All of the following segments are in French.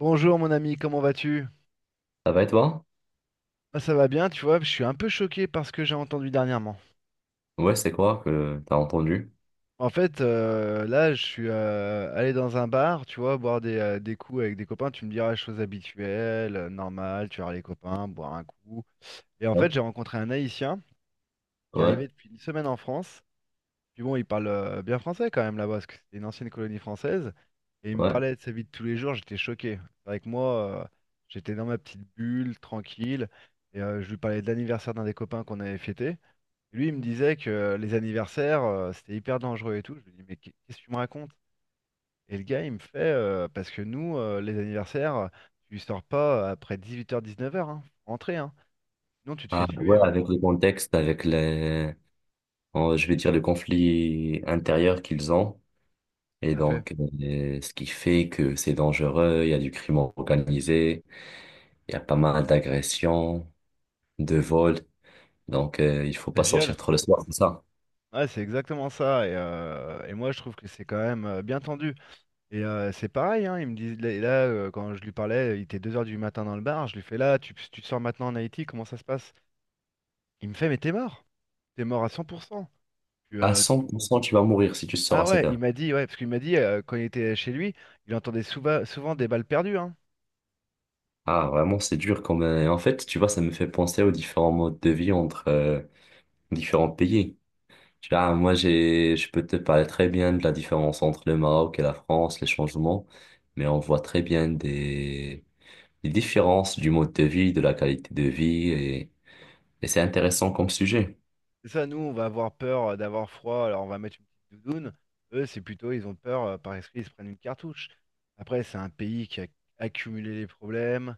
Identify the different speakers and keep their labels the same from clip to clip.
Speaker 1: Bonjour mon ami, comment vas-tu?
Speaker 2: Ça va et toi?
Speaker 1: Moi, ça va bien, tu vois, je suis un peu choqué par ce que j'ai entendu dernièrement.
Speaker 2: Ouais, c'est quoi que t'as entendu?
Speaker 1: En fait, là, je suis allé dans un bar, tu vois, boire des coups avec des copains, tu me diras, chose habituelle, normales. Tu vois les copains, boire un coup. Et en
Speaker 2: Ouais,
Speaker 1: fait, j'ai rencontré un Haïtien qui est
Speaker 2: ouais,
Speaker 1: arrivé depuis une semaine en France. Puis bon, il parle bien français quand même là-bas, parce que c'était une ancienne colonie française. Et il me
Speaker 2: ouais.
Speaker 1: parlait de sa vie de tous les jours, j'étais choqué. C'est vrai que moi, j'étais dans ma petite bulle, tranquille. Et je lui parlais de l'anniversaire d'un des copains qu'on avait fêté. Et lui, il me disait que les anniversaires, c'était hyper dangereux et tout. Je lui dis, mais qu'est-ce que tu me racontes? Et le gars, il me fait, parce que nous, les anniversaires, tu sors pas après 18h-19h, hein. Faut rentrer, hein. Sinon, tu te fais
Speaker 2: Ah
Speaker 1: tuer,
Speaker 2: ouais,
Speaker 1: hein.
Speaker 2: avec le contexte, avec les, oh, je vais dire, le conflit intérieur qu'ils ont. Et
Speaker 1: Tout à fait.
Speaker 2: donc, ce qui fait que c'est dangereux, il y a du crime organisé, il y a pas mal d'agressions, de vols. Donc, il faut
Speaker 1: Ça
Speaker 2: pas sortir
Speaker 1: viole.
Speaker 2: trop le soir, c'est ça.
Speaker 1: Ouais, c'est exactement ça. Et moi, je trouve que c'est quand même bien tendu. Et c'est pareil, hein, il me dit, là, quand je lui parlais, il était 2 heures du matin dans le bar. Je lui fais là, tu te sors maintenant en Haïti, comment ça se passe? Il me fait, mais t'es mort. T'es mort à 100%. Tu,
Speaker 2: À
Speaker 1: euh,
Speaker 2: cent pour cent tu vas mourir si tu sors
Speaker 1: Ah
Speaker 2: à 7
Speaker 1: ouais, il
Speaker 2: heures.
Speaker 1: m'a dit, ouais, parce qu'il m'a dit, quand il était chez lui, il entendait souvent, des balles perdues. Hein.
Speaker 2: Ah, vraiment, c'est dur quand même. En fait, tu vois, ça me fait penser aux différents modes de vie entre différents pays. Ah, moi, je peux te parler très bien de la différence entre le Maroc et la France, les changements, mais on voit très bien des différences du mode de vie, de la qualité de vie, et c'est intéressant comme sujet.
Speaker 1: C'est ça, nous, on va avoir peur d'avoir froid, alors on va mettre une petite doudoune. Eux, c'est plutôt, ils ont peur, par esprit ils se prennent une cartouche. Après, c'est un pays qui a accumulé les problèmes.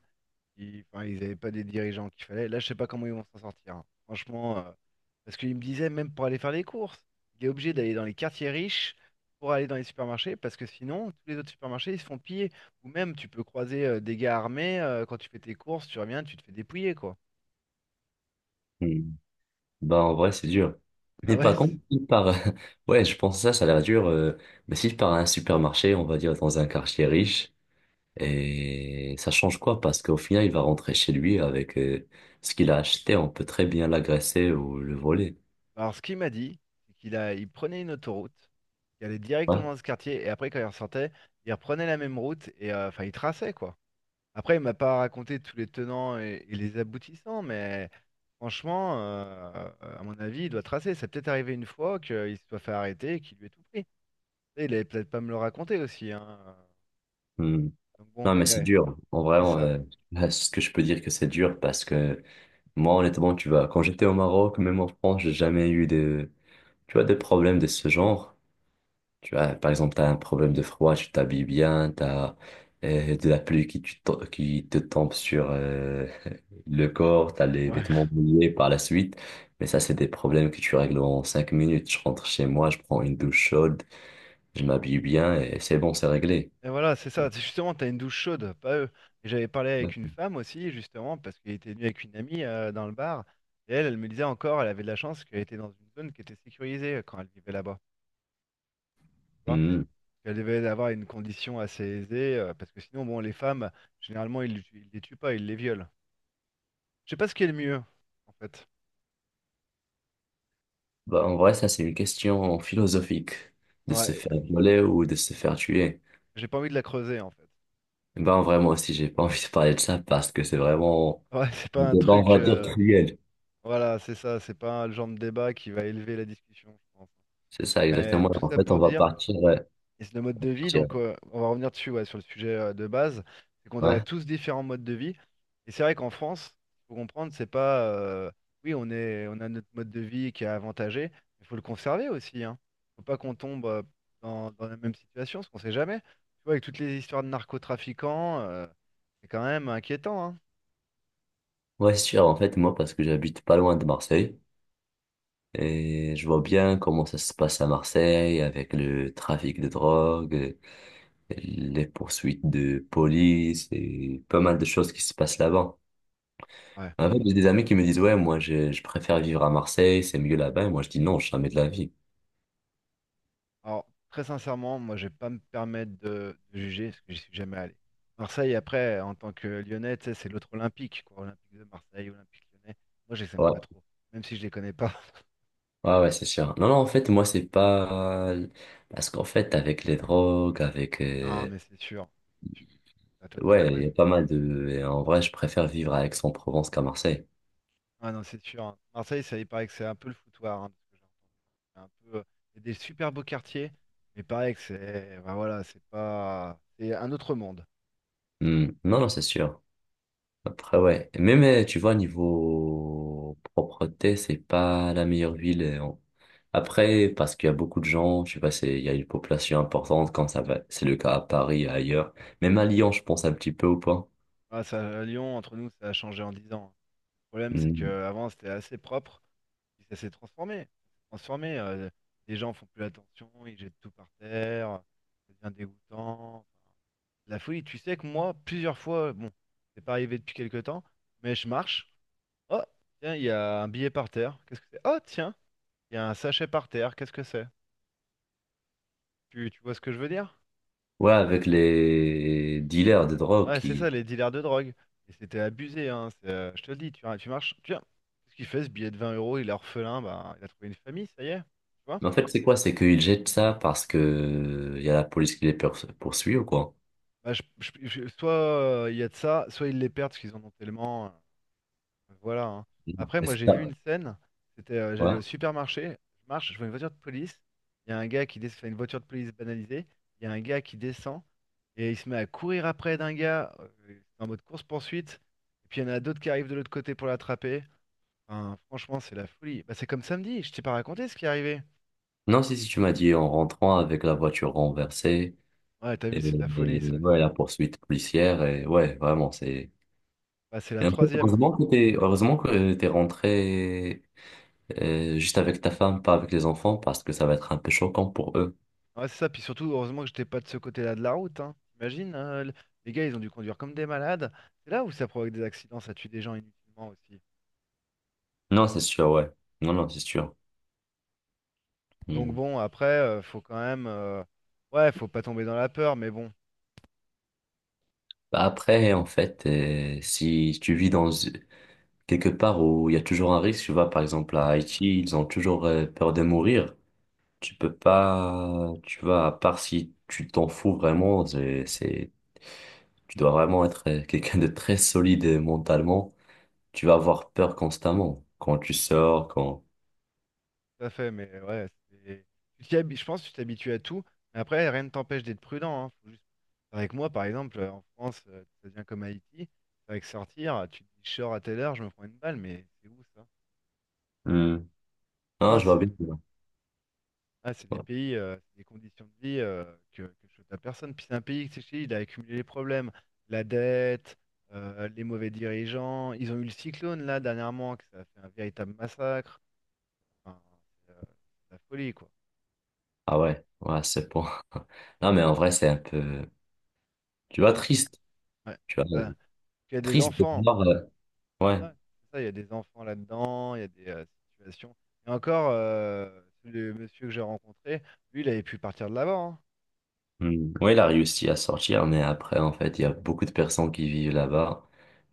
Speaker 1: Enfin, ils avaient pas des dirigeants qu'il fallait. Là, je sais pas comment ils vont s'en sortir, hein. Franchement, parce qu'il me disait, même pour aller faire les courses, il est obligé d'aller dans les quartiers riches pour aller dans les supermarchés, parce que sinon, tous les autres supermarchés, ils se font piller. Ou même, tu peux croiser des gars armés, quand tu fais tes courses, tu reviens, tu te fais dépouiller, quoi.
Speaker 2: Hmm. Ben, en vrai, c'est dur.
Speaker 1: Ah
Speaker 2: Mais
Speaker 1: ouais.
Speaker 2: par contre, si par, ouais, je pense que ça a l'air dur, mais si par un supermarché, on va dire dans un quartier riche, et ça change quoi? Parce qu'au final, il va rentrer chez lui avec, ce qu'il a acheté, on peut très bien l'agresser ou le voler.
Speaker 1: Alors, ce qu'il m'a dit, c'est qu'il prenait une autoroute, il allait
Speaker 2: Ouais.
Speaker 1: directement dans ce quartier, et après, quand il ressortait, il reprenait la même route, et enfin, il traçait, quoi. Après, il m'a pas raconté tous les tenants et les aboutissants, mais franchement, à mon avis, il doit tracer. Ça peut-être arrivé une fois qu'il se soit fait arrêter et qu'il lui ait tout pris. Et il avait peut-être pas me le raconter aussi, hein. Donc bon,
Speaker 2: Non, mais
Speaker 1: mais
Speaker 2: c'est
Speaker 1: ouais,
Speaker 2: dur. En vrai,
Speaker 1: c'est ça.
Speaker 2: là, ce que je peux dire que c'est dur parce que moi, honnêtement, tu vois, quand j'étais au Maroc, même en France, j'ai jamais eu de, tu vois, de problèmes de ce genre. Tu vois, par exemple, t'as un problème de froid, tu t'habilles bien, t'as de la pluie qui, qui te tombe sur le corps, t'as les vêtements
Speaker 1: Ouais.
Speaker 2: mouillés par la suite. Mais ça, c'est des problèmes que tu règles en 5 minutes. Je rentre chez moi, je prends une douche chaude, je m'habille bien et c'est bon, c'est réglé.
Speaker 1: Et voilà, c'est ça. C'est justement, t'as une douche chaude, pas eux. Et j'avais parlé avec une femme aussi, justement, parce qu'elle était venue avec une amie dans le bar. Et elle, elle me disait encore, elle avait de la chance qu'elle était dans une zone qui était sécurisée quand elle vivait là-bas. Tu vois.
Speaker 2: Mhm.
Speaker 1: Qu'elles devaient avoir une condition assez aisée, parce que sinon, bon, les femmes, généralement, ils les tuent pas, ils les violent. Je sais pas ce qui est le mieux, en fait.
Speaker 2: Bah, en vrai, ça, c'est une question philosophique. De se
Speaker 1: Ouais,
Speaker 2: faire violer ou de se faire tuer.
Speaker 1: j'ai pas envie de la creuser, en fait.
Speaker 2: Ben, en vrai, moi aussi, j'ai pas envie de parler de ça parce que c'est vraiment
Speaker 1: Ouais, c'est
Speaker 2: un
Speaker 1: pas un
Speaker 2: débat, on
Speaker 1: truc.
Speaker 2: va dire, cruel.
Speaker 1: Voilà, c'est ça, c'est pas le genre de débat qui va élever la discussion, je pense.
Speaker 2: C'est ça,
Speaker 1: Mais
Speaker 2: exactement.
Speaker 1: tout
Speaker 2: En
Speaker 1: ça
Speaker 2: fait, on
Speaker 1: pour
Speaker 2: va
Speaker 1: dire.
Speaker 2: partir. Ouais,
Speaker 1: Et c'est le mode de vie,
Speaker 2: partir.
Speaker 1: donc on va revenir dessus, ouais, sur le sujet de base, c'est qu'on a
Speaker 2: Ouais.
Speaker 1: tous différents modes de vie. Et c'est vrai qu'en France, il faut comprendre, c'est pas, oui, on a notre mode de vie qui est avantagé, mais il faut le conserver aussi, hein. Faut pas qu'on tombe dans la même situation, parce qu'on sait jamais. Tu vois, avec toutes les histoires de narcotrafiquants, c'est quand même inquiétant, hein.
Speaker 2: Ouais, c'est sûr. En fait, moi, parce que j'habite pas loin de Marseille et je vois bien comment ça se passe à Marseille avec le trafic de drogue, les poursuites de police et pas mal de choses qui se passent là-bas.
Speaker 1: Ouais.
Speaker 2: En fait, j'ai des amis qui me disent, ouais, moi, je préfère vivre à Marseille, c'est mieux là-bas. Et moi, je dis non, jamais de la vie.
Speaker 1: Alors, très sincèrement, moi, je vais pas me permettre de juger parce que j'y suis jamais allé. Marseille, après, en tant que Lyonnais, tu sais, c'est l'autre Olympique, quoi. Olympique de Marseille, Olympique Lyonnais. Moi, je les aime
Speaker 2: Ouais,
Speaker 1: pas trop, même si je les connais pas.
Speaker 2: ouais, ouais, c'est sûr. Non, non, en fait, moi, c'est pas... Parce qu'en fait, avec les drogues, avec...
Speaker 1: Non, mais c'est sûr. C'est sûr, t'as totalement
Speaker 2: ouais, il y a
Speaker 1: raison.
Speaker 2: pas mal de... et en vrai, je préfère vivre à Aix-en-Provence qu'à Marseille.
Speaker 1: Ah non, c'est sûr, hein. Marseille, ça, il paraît que c'est un peu le foutoir, hein, de ce que j'ai entendu. C'est un peu, c'est des super beaux quartiers, mais pareil que c'est, bah voilà, c'est pas, c'est un autre monde.
Speaker 2: Hmm. Non, non, c'est sûr. Après, ouais. Même, tu vois, niveau propreté, c'est pas la meilleure ville. Après, parce qu'il y a beaucoup de gens, je sais pas, c'est, il y a une population importante, comme ça va, c'est le cas à Paris et ailleurs. Même à Lyon, je pense un petit peu ou pas.
Speaker 1: Ah, ça, Lyon, entre nous, ça a changé en 10 ans. Le problème, c'est
Speaker 2: Mhm.
Speaker 1: que avant c'était assez propre. Puis ça s'est transformé. Ça s'est transformé, les gens font plus attention, ils jettent tout par terre, ça devient dégoûtant. Enfin, la folie, tu sais que moi, plusieurs fois, bon, c'est pas arrivé depuis quelque temps, mais je marche. Oh, tiens, il y a un billet par terre. Qu'est-ce que c'est? Oh, tiens, il y a un sachet par terre. Qu'est-ce que c'est? Tu vois ce que je veux dire?
Speaker 2: Ouais, avec les dealers de drogue
Speaker 1: Ouais, c'est ça,
Speaker 2: qui...
Speaker 1: les dealers de drogue. Et c'était abusé, hein. C'est, je te le dis, tu marches, tiens, qu'est-ce qu'il fait ce billet de 20 euros? Il est orphelin, bah, il a trouvé une famille, ça y est. Tu vois.
Speaker 2: Mais en fait, c'est quoi? C'est qu'ils jettent ça parce que il y a la police qui poursuit ou quoi?
Speaker 1: Bah, soit il y a de ça, soit ils les perdent parce qu'ils en ont tellement. Voilà, hein.
Speaker 2: Non.
Speaker 1: Après,
Speaker 2: Et
Speaker 1: moi
Speaker 2: c'est
Speaker 1: j'ai
Speaker 2: ça.
Speaker 1: vu une scène, c'était j'allais
Speaker 2: Ouais.
Speaker 1: au supermarché, je marche, je vois une voiture de police, il y a un gars qui descend, une voiture de police banalisée, il y a un gars qui descend et il se met à courir après d'un gars en mode course-poursuite, et puis il y en a d'autres qui arrivent de l'autre côté pour l'attraper. Enfin, franchement, c'est la folie. Bah, c'est comme samedi, je t'ai pas raconté ce qui est arrivé.
Speaker 2: Non, si, si tu m'as dit en rentrant avec la voiture renversée.
Speaker 1: Ouais, t'as
Speaker 2: Et,
Speaker 1: vu, c'est de la folie ça
Speaker 2: et
Speaker 1: aussi.
Speaker 2: ouais, la poursuite policière, et ouais, vraiment, c'est...
Speaker 1: Bah, c'est la
Speaker 2: Et en fait,
Speaker 1: troisième.
Speaker 2: heureusement que heureusement que t'es rentré juste avec ta femme, pas avec les enfants, parce que ça va être un peu choquant pour eux.
Speaker 1: Ouais, c'est ça, puis surtout, heureusement que j'étais pas de ce côté-là de la route, hein. T'imagines, hein, les gars, ils ont dû conduire comme des malades. C'est là où ça provoque des accidents, ça tue des gens inutilement aussi.
Speaker 2: Non, c'est sûr, ouais. Non, non, c'est sûr.
Speaker 1: Donc
Speaker 2: Hmm.
Speaker 1: bon, après, faut quand même. Ouais, faut pas tomber dans la peur, mais bon,
Speaker 2: Bah, après, en fait, si tu vis dans quelque part où il y a toujours un risque, tu vois, par exemple à Haïti, ils ont toujours peur de mourir. Tu peux pas, tu vois, à part si tu t'en fous vraiment, c'est- Tu dois vraiment être quelqu'un de très solide mentalement. Tu vas avoir peur constamment quand tu sors, quand...
Speaker 1: tout à fait, mais ouais, c'est. Je pense que tu t'habitues à tout, mais après, rien ne t'empêche d'être prudent, hein. Avec moi, par exemple, en France, ça devient comme Haïti, avec sortir, tu te dis, je sors à telle heure, je me prends une balle, mais c'est où ça?
Speaker 2: Hmm. Non,
Speaker 1: Non,
Speaker 2: je vois
Speaker 1: c'est.
Speaker 2: bien. Ouais.
Speaker 1: Ah, c'est des pays, c'est des conditions de vie que je souhaite à personne. Puis c'est un pays, c'est Chili, il a accumulé les problèmes, la dette, les mauvais dirigeants. Ils ont eu le cyclone là dernièrement, que ça a fait un véritable massacre. Enfin, c'est euh, c'est la folie quoi.
Speaker 2: Ah ouais, ouais, c'est bon. Non, mais en vrai, c'est un peu, tu vois,
Speaker 1: Oui,
Speaker 2: triste.
Speaker 1: ouais.
Speaker 2: Tu vois,
Speaker 1: Bah, il y a des
Speaker 2: triste de
Speaker 1: enfants.
Speaker 2: voir. Ouais.
Speaker 1: Ouais, ouais, c'est ça, il y a des enfants là-dedans, il y a des situations. Et encore, le monsieur que j'ai rencontré, lui, il avait pu partir de là-bas, hein.
Speaker 2: Hmm. Ouais, il a réussi à sortir, mais après, en fait, il y a beaucoup de personnes qui vivent là-bas.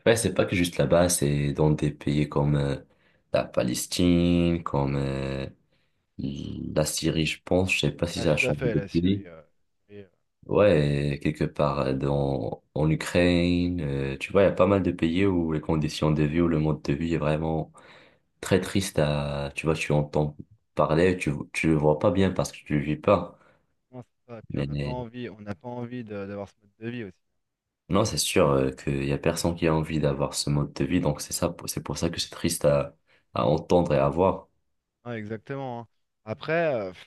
Speaker 2: Ouais, c'est pas que juste là-bas, c'est dans des pays comme la Palestine, comme la Syrie, je pense. Je sais pas si
Speaker 1: Ah,
Speaker 2: ça a
Speaker 1: tout à
Speaker 2: changé
Speaker 1: fait, la Syrie.
Speaker 2: depuis.
Speaker 1: Syrie,
Speaker 2: Ouais, quelque part en Ukraine, tu vois, il y a pas mal de pays où les conditions de vie, où le mode de vie est vraiment très triste à, tu vois, tu entends parler, tu le vois pas bien parce que tu le vis pas.
Speaker 1: Non, c'est ça. Et puis on
Speaker 2: Mais
Speaker 1: n'a pas
Speaker 2: mais
Speaker 1: envie, on n'a pas envie d'avoir ce mode de vie aussi.
Speaker 2: non, c'est sûr qu'il y a personne qui a envie d'avoir ce mode de vie, donc c'est ça, c'est pour ça que c'est triste à entendre et à voir.
Speaker 1: Ouais, exactement, hein. Après,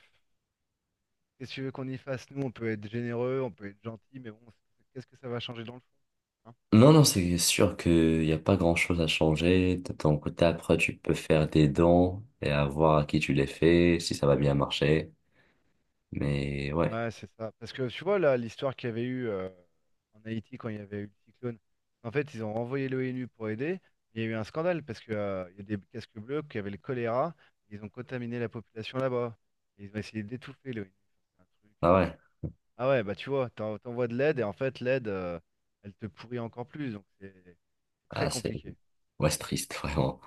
Speaker 1: qu'est-ce que tu veux qu'on y fasse? Nous, on peut être généreux, on peut être gentil, mais bon, qu'est-ce que ça va changer dans le fond, hein?
Speaker 2: Non, non, c'est sûr qu'il n'y a pas grand-chose à changer. De ton côté, après, tu peux faire des dons et à voir à qui tu les fais, si ça va bien marcher. Mais ouais.
Speaker 1: Ouais, c'est ça. Parce que tu vois là, l'histoire qu'il y avait eu en Haïti quand il y avait eu le cyclone. En fait, ils ont renvoyé l'ONU pour aider. Il y a eu un scandale parce que il y a des casques bleus qui avaient le choléra. Ils ont contaminé la population là-bas. Ils ont essayé d'étouffer l'ONU.
Speaker 2: Ah ouais,
Speaker 1: Ah ouais, bah tu vois, t'envoies de l'aide et en fait l'aide, elle te pourrit encore plus, donc c'est très
Speaker 2: ah,
Speaker 1: compliqué.
Speaker 2: c'est triste, vraiment.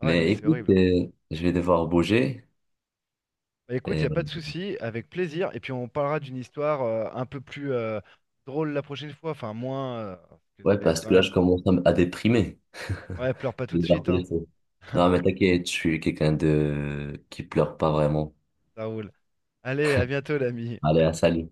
Speaker 1: Ah ouais, non mais
Speaker 2: Mais
Speaker 1: c'est
Speaker 2: écoute,
Speaker 1: horrible, hein.
Speaker 2: je vais devoir bouger.
Speaker 1: Bah écoute, il a
Speaker 2: Et...
Speaker 1: pas de souci, avec plaisir, et puis on parlera d'une histoire un peu plus drôle la prochaine fois, enfin moins, parce que
Speaker 2: Ouais,
Speaker 1: c'est
Speaker 2: parce
Speaker 1: quand
Speaker 2: que là,
Speaker 1: même.
Speaker 2: je commence à, à déprimer.
Speaker 1: Ouais, pleure pas tout
Speaker 2: Je vais
Speaker 1: de
Speaker 2: devoir
Speaker 1: suite,
Speaker 2: te
Speaker 1: hein.
Speaker 2: laisser. Non, mais t'inquiète, je suis quelqu'un de... qui pleure pas vraiment.
Speaker 1: Ça roule. Allez, à bientôt l'ami.
Speaker 2: Allez, à salut.